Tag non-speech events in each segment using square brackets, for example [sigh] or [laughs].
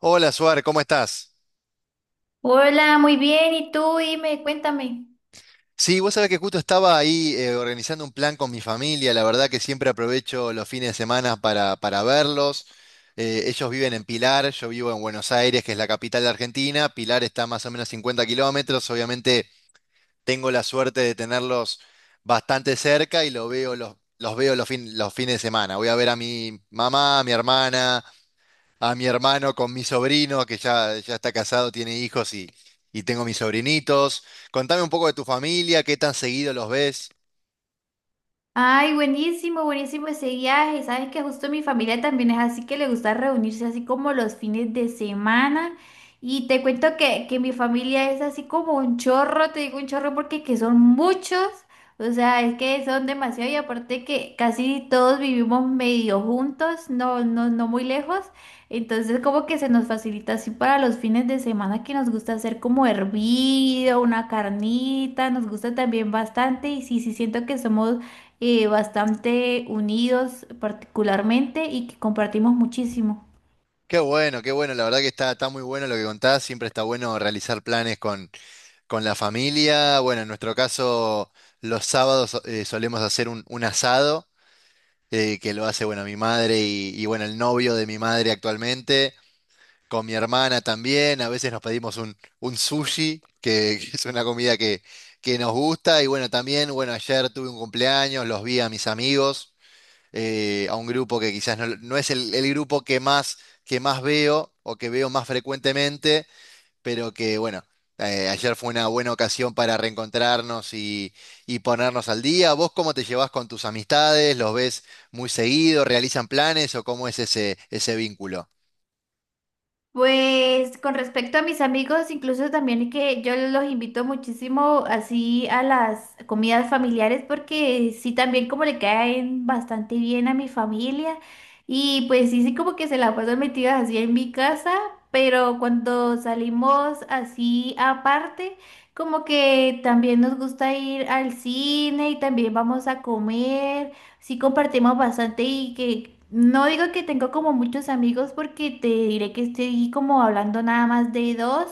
Hola, Suar, ¿cómo estás? Hola, muy bien. ¿Y tú? Dime, cuéntame. Sí, vos sabés que justo estaba ahí organizando un plan con mi familia. La verdad que siempre aprovecho los fines de semana para verlos. Ellos viven en Pilar, yo vivo en Buenos Aires, que es la capital de Argentina. Pilar está más o menos 50 kilómetros. Obviamente tengo la suerte de tenerlos bastante cerca y lo veo, los veo los fines de semana. Voy a ver a mi mamá, a mi hermana, a mi hermano con mi sobrino, que ya está casado, tiene hijos y tengo mis sobrinitos. Contame un poco de tu familia, qué tan seguido los ves. Ay, buenísimo, buenísimo ese viaje. Sabes que justo mi familia también es así que le gusta reunirse así como los fines de semana. Y te cuento que mi familia es así como un chorro, te digo un chorro porque que son muchos. O sea, es que son demasiado y aparte que casi todos vivimos medio juntos, no, no, no muy lejos. Entonces como que se nos facilita así para los fines de semana que nos gusta hacer como hervido, una carnita, nos gusta también bastante y sí, sí siento que somos bastante unidos particularmente y que compartimos muchísimo. Qué bueno, la verdad que está muy bueno lo que contás, siempre está bueno realizar planes con la familia. Bueno, en nuestro caso, los sábados solemos hacer un asado, que lo hace, bueno, mi madre y, bueno, el novio de mi madre actualmente. Con mi hermana también, a veces nos pedimos un sushi, que, [laughs] que es una comida que nos gusta. Y bueno, también, bueno, ayer tuve un cumpleaños, los vi a mis amigos, a un grupo que quizás no, no es el grupo que más veo o que veo más frecuentemente, pero que bueno, ayer fue una buena ocasión para reencontrarnos y ponernos al día. ¿Vos cómo te llevás con tus amistades? ¿Los ves muy seguido? ¿Realizan planes o cómo es ese vínculo? Pues con respecto a mis amigos, incluso también que yo los invito muchísimo así a las comidas familiares porque sí también como le caen bastante bien a mi familia y pues sí, sí como que se la pasan metidas así en mi casa, pero cuando salimos así aparte, como que también nos gusta ir al cine y también vamos a comer. Sí compartimos bastante y que no digo que tengo como muchos amigos porque te diré que estoy como hablando nada más de dos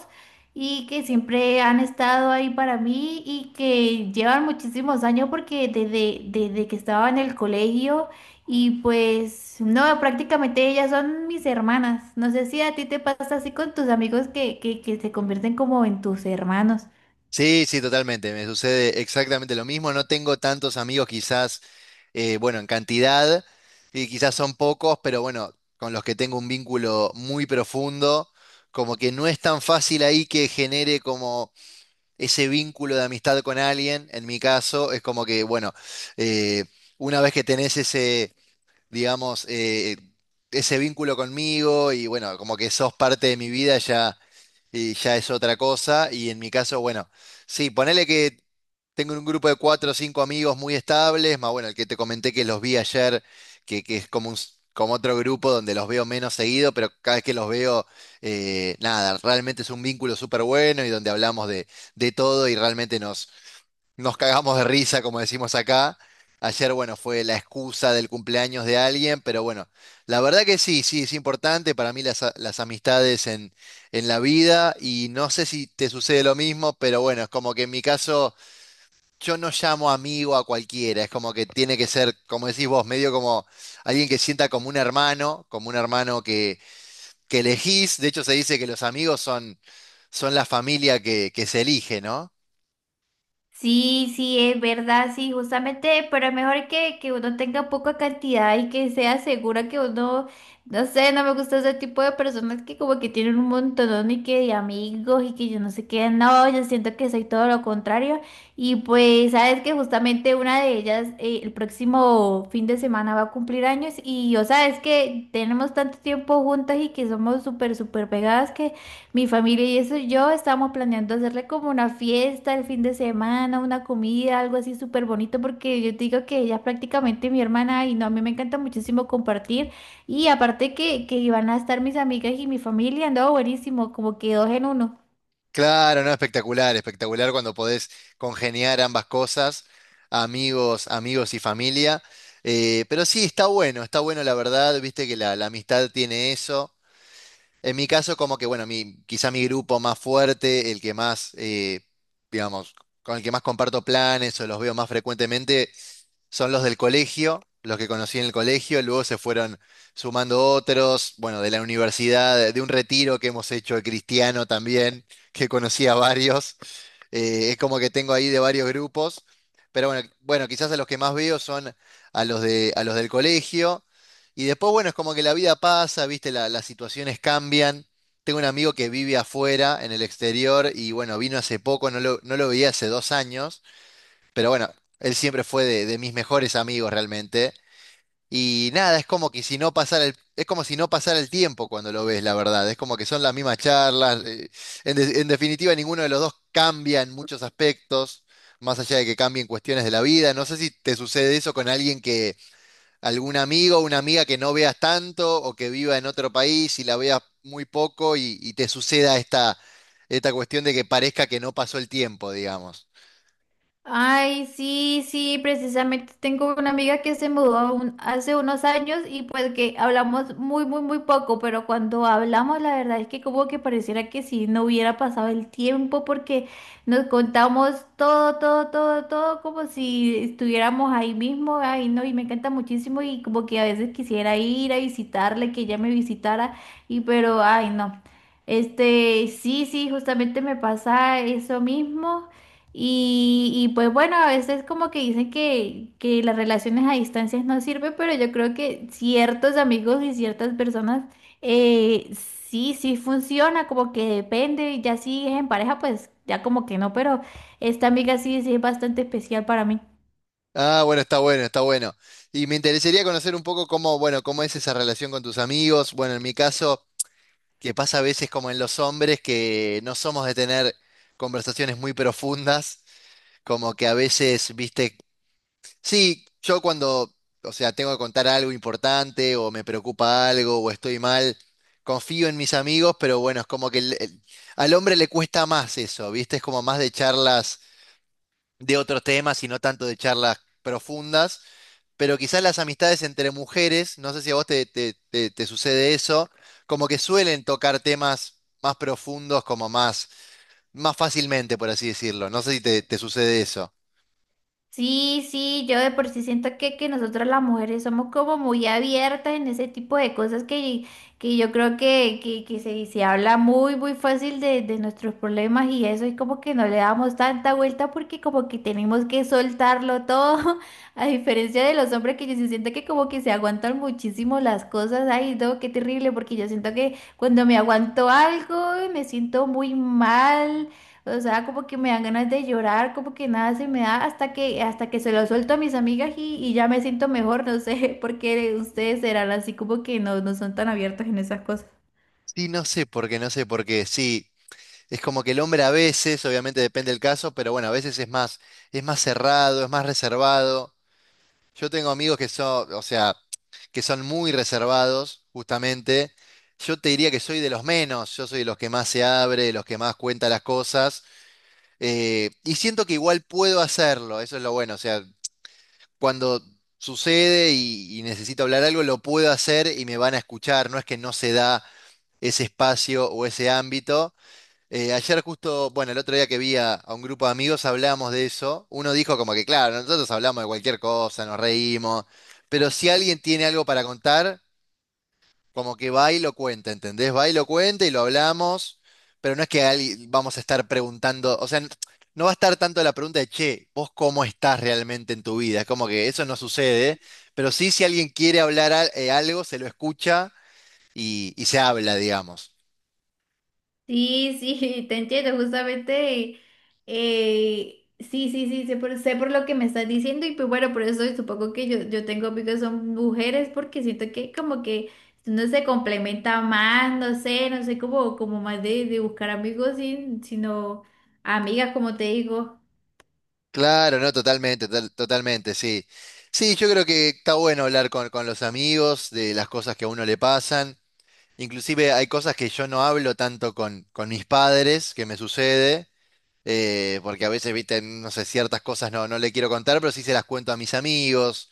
y que siempre han estado ahí para mí y que llevan muchísimos años porque desde que estaba en el colegio y pues no, prácticamente ellas son mis hermanas. No sé si a ti te pasa así con tus amigos que se convierten como en tus hermanos. Sí, sí, totalmente. Me sucede exactamente lo mismo. No tengo tantos amigos quizás, bueno, en cantidad, y quizás son pocos, pero bueno, con los que tengo un vínculo muy profundo, como que no es tan fácil ahí que genere como ese vínculo de amistad con alguien. En mi caso, es como que, bueno, eh, una vez que tenés ese, digamos, ese vínculo conmigo y bueno, como que sos parte de mi vida, y ya es otra cosa. Y en mi caso, bueno, sí, ponele que tengo un grupo de 4 o 5 amigos muy estables, más bueno, el que te comenté que los vi ayer, que es como como otro grupo donde los veo menos seguido, pero cada vez que los veo, nada, realmente es un vínculo súper bueno y donde hablamos de todo y realmente nos, nos cagamos de risa, como decimos acá. Ayer, bueno, fue la excusa del cumpleaños de alguien, pero bueno, la verdad que sí, sí, es importante para mí las amistades en la vida y no sé si te sucede lo mismo, pero bueno, es como que en mi caso yo no llamo amigo a cualquiera, es como que tiene que ser, como decís vos, medio como alguien que sienta como un hermano que elegís. De hecho, se dice que los amigos son, son la familia que se elige, ¿no? Sí, sí, es verdad, sí, justamente, pero es mejor que uno tenga poca cantidad y que sea segura que uno, no sé, no me gusta ese tipo de personas que como que tienen un montón y que de amigos y que yo no sé qué, no, yo siento que soy todo lo contrario y pues sabes que justamente una de ellas el próximo fin de semana va a cumplir años y yo sabes que tenemos tanto tiempo juntas y que somos súper, súper pegadas mi familia y eso, yo estábamos planeando hacerle como una fiesta el fin de semana, una comida, algo así súper bonito, porque yo te digo que ella es prácticamente mi hermana y no, a mí me encanta muchísimo compartir. Y aparte que iban a estar mis amigas y mi familia, andaba buenísimo, como que dos en uno. Claro, no, espectacular, espectacular cuando podés congeniar ambas cosas, amigos, amigos y familia. Pero sí, está bueno la verdad, viste que la amistad tiene eso. En mi caso, como que, bueno, mi, quizá mi grupo más fuerte, el que más, digamos, con el que más comparto planes o los veo más frecuentemente, son los del colegio, los que conocí en el colegio, luego se fueron sumando otros, bueno, de la universidad, de un retiro que hemos hecho de cristiano también, [laughs] que conocí a varios. Es como que tengo ahí de varios grupos, pero bueno, quizás a los que más veo son a los del colegio. Y después, bueno, es como que la vida pasa, viste, las situaciones cambian. Tengo un amigo que vive afuera, en el exterior, y bueno, vino hace poco, no lo veía hace 2 años, pero bueno, él siempre fue de mis mejores amigos realmente. Y nada, es como que si no pasara el, es como si no pasara el tiempo cuando lo ves, la verdad. Es como que son las mismas charlas. En definitiva, ninguno de los dos cambia en muchos aspectos, más allá de que cambien cuestiones de la vida. No sé si te sucede eso con alguien que, algún amigo o una amiga que no veas tanto o que viva en otro país y la veas muy poco y te suceda esta cuestión de que parezca que no pasó el tiempo, digamos. Ay, sí, sí, precisamente tengo una amiga que se mudó hace unos años y pues que hablamos muy, muy, muy poco, pero cuando hablamos la verdad es que como que pareciera que si no hubiera pasado el tiempo porque nos contamos todo, todo, todo, todo como si estuviéramos ahí mismo, ay, no, y me encanta muchísimo y como que a veces quisiera ir a visitarle, que ella me visitara y pero, ay, no. Este, sí, sí, justamente me pasa eso mismo. Pues bueno, a veces como que dicen que las relaciones a distancias no sirven, pero yo creo que ciertos amigos y ciertas personas eh, sí, sí funciona, como que depende, y ya si es en pareja, pues ya como que no, pero esta amiga sí, sí es bastante especial para mí. Ah, bueno, está bueno, está bueno. Y me interesaría conocer un poco cómo, bueno, cómo es esa relación con tus amigos. Bueno, en mi caso, que pasa a veces como en los hombres, que no somos de tener conversaciones muy profundas, como que a veces, viste, sí, yo cuando, o sea, tengo que contar algo importante o me preocupa algo o estoy mal, confío en mis amigos, pero bueno, es como que al hombre le cuesta más eso, viste, es como más de charlas de otros temas y no tanto de charlas profundas, pero quizás las amistades entre mujeres, no sé si a vos te, te sucede eso, como que suelen tocar temas más profundos, como más, más fácilmente, por así decirlo. No sé si te, te sucede eso. Sí, sí, yo de por sí siento que nosotras las mujeres somos como muy abiertas en ese tipo de cosas que yo creo que se, se habla muy, muy fácil de nuestros problemas y eso es como que no le damos tanta vuelta porque como que tenemos que soltarlo todo, [laughs] a diferencia de los hombres que yo sí siento que como que se aguantan muchísimo las cosas, ay, no, qué terrible, porque yo siento que cuando me aguanto algo me siento muy mal o sea, como que me dan ganas de llorar, como que nada se me da hasta que se lo suelto a mis amigas y ya me siento mejor, no sé, [laughs] porque ustedes serán así como que no, no son tan abiertos en esas cosas. Sí, no sé por qué, no sé por qué. Sí, es como que el hombre a veces, obviamente depende del caso, pero bueno, a veces es más cerrado, es más reservado. Yo tengo amigos que son, o sea, que son muy reservados, justamente. Yo te diría que soy de los menos, yo soy de los que más se abre, de los que más cuenta las cosas. Y siento que igual puedo hacerlo, eso es lo bueno. O sea, cuando sucede y necesito hablar algo, lo puedo hacer y me van a escuchar. No es que no se da ese espacio o ese ámbito. Ayer justo, bueno, el otro día que vi a un grupo de amigos hablábamos de eso. Uno dijo como que, claro, nosotros hablamos de cualquier cosa, nos reímos, pero si alguien tiene algo para contar, como que va y lo cuenta, ¿entendés? Va y lo cuenta y lo hablamos, pero no es que alguien vamos a estar preguntando, o sea, no va a estar tanto la pregunta de, che, ¿vos cómo estás realmente en tu vida? Es como que eso no sucede, pero sí si alguien quiere hablar algo, se lo escucha y se habla, digamos. Sí, sí, [laughs] te entiendo, justamente, sí, sí, sí, sé por lo que me estás diciendo y pues bueno, por eso supongo que yo tengo amigos que son mujeres porque siento que como que uno se complementa más, no sé, no sé, como, como más de buscar amigos, sino amigas, como te digo. Claro, no, totalmente, totalmente, sí. Sí, yo creo que está bueno hablar con los amigos de las cosas que a uno le pasan. Inclusive hay cosas que yo no hablo tanto con mis padres, que me sucede. Porque a veces, viste, no sé, ciertas cosas no, no le quiero contar, pero sí se las cuento a mis amigos.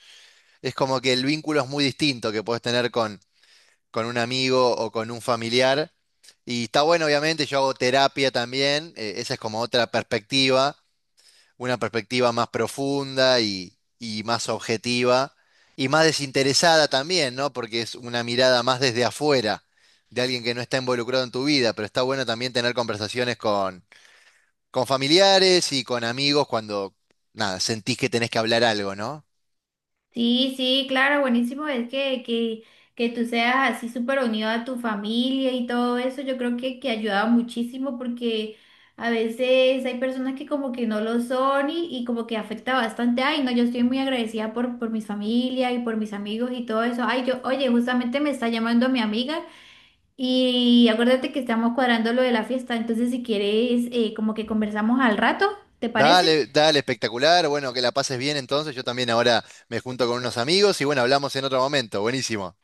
Es como que el vínculo es muy distinto que puedes tener con un amigo o con un familiar. Y está bueno, obviamente, yo hago terapia también, esa es como otra perspectiva, una perspectiva más profunda y más objetiva y más desinteresada también, ¿no? Porque es una mirada más desde afuera, de alguien que no está involucrado en tu vida, pero está bueno también tener conversaciones con familiares y con amigos cuando, nada, sentís que tenés que hablar algo, ¿no? Sí, sí, claro, buenísimo es que tú seas así súper unido a tu familia y todo eso, yo creo que ayuda muchísimo porque a veces hay personas que como que no lo son y como que afecta bastante. Ay, no, yo estoy muy agradecida por mi familia y por mis amigos y todo eso. Ay, yo, oye, justamente me está llamando mi amiga y acuérdate que estamos cuadrando lo de la fiesta, entonces si quieres como que conversamos al rato, ¿te parece? Dale, dale, espectacular. Bueno, que la pases bien entonces. Yo también ahora me junto con unos amigos y bueno, hablamos en otro momento. Buenísimo.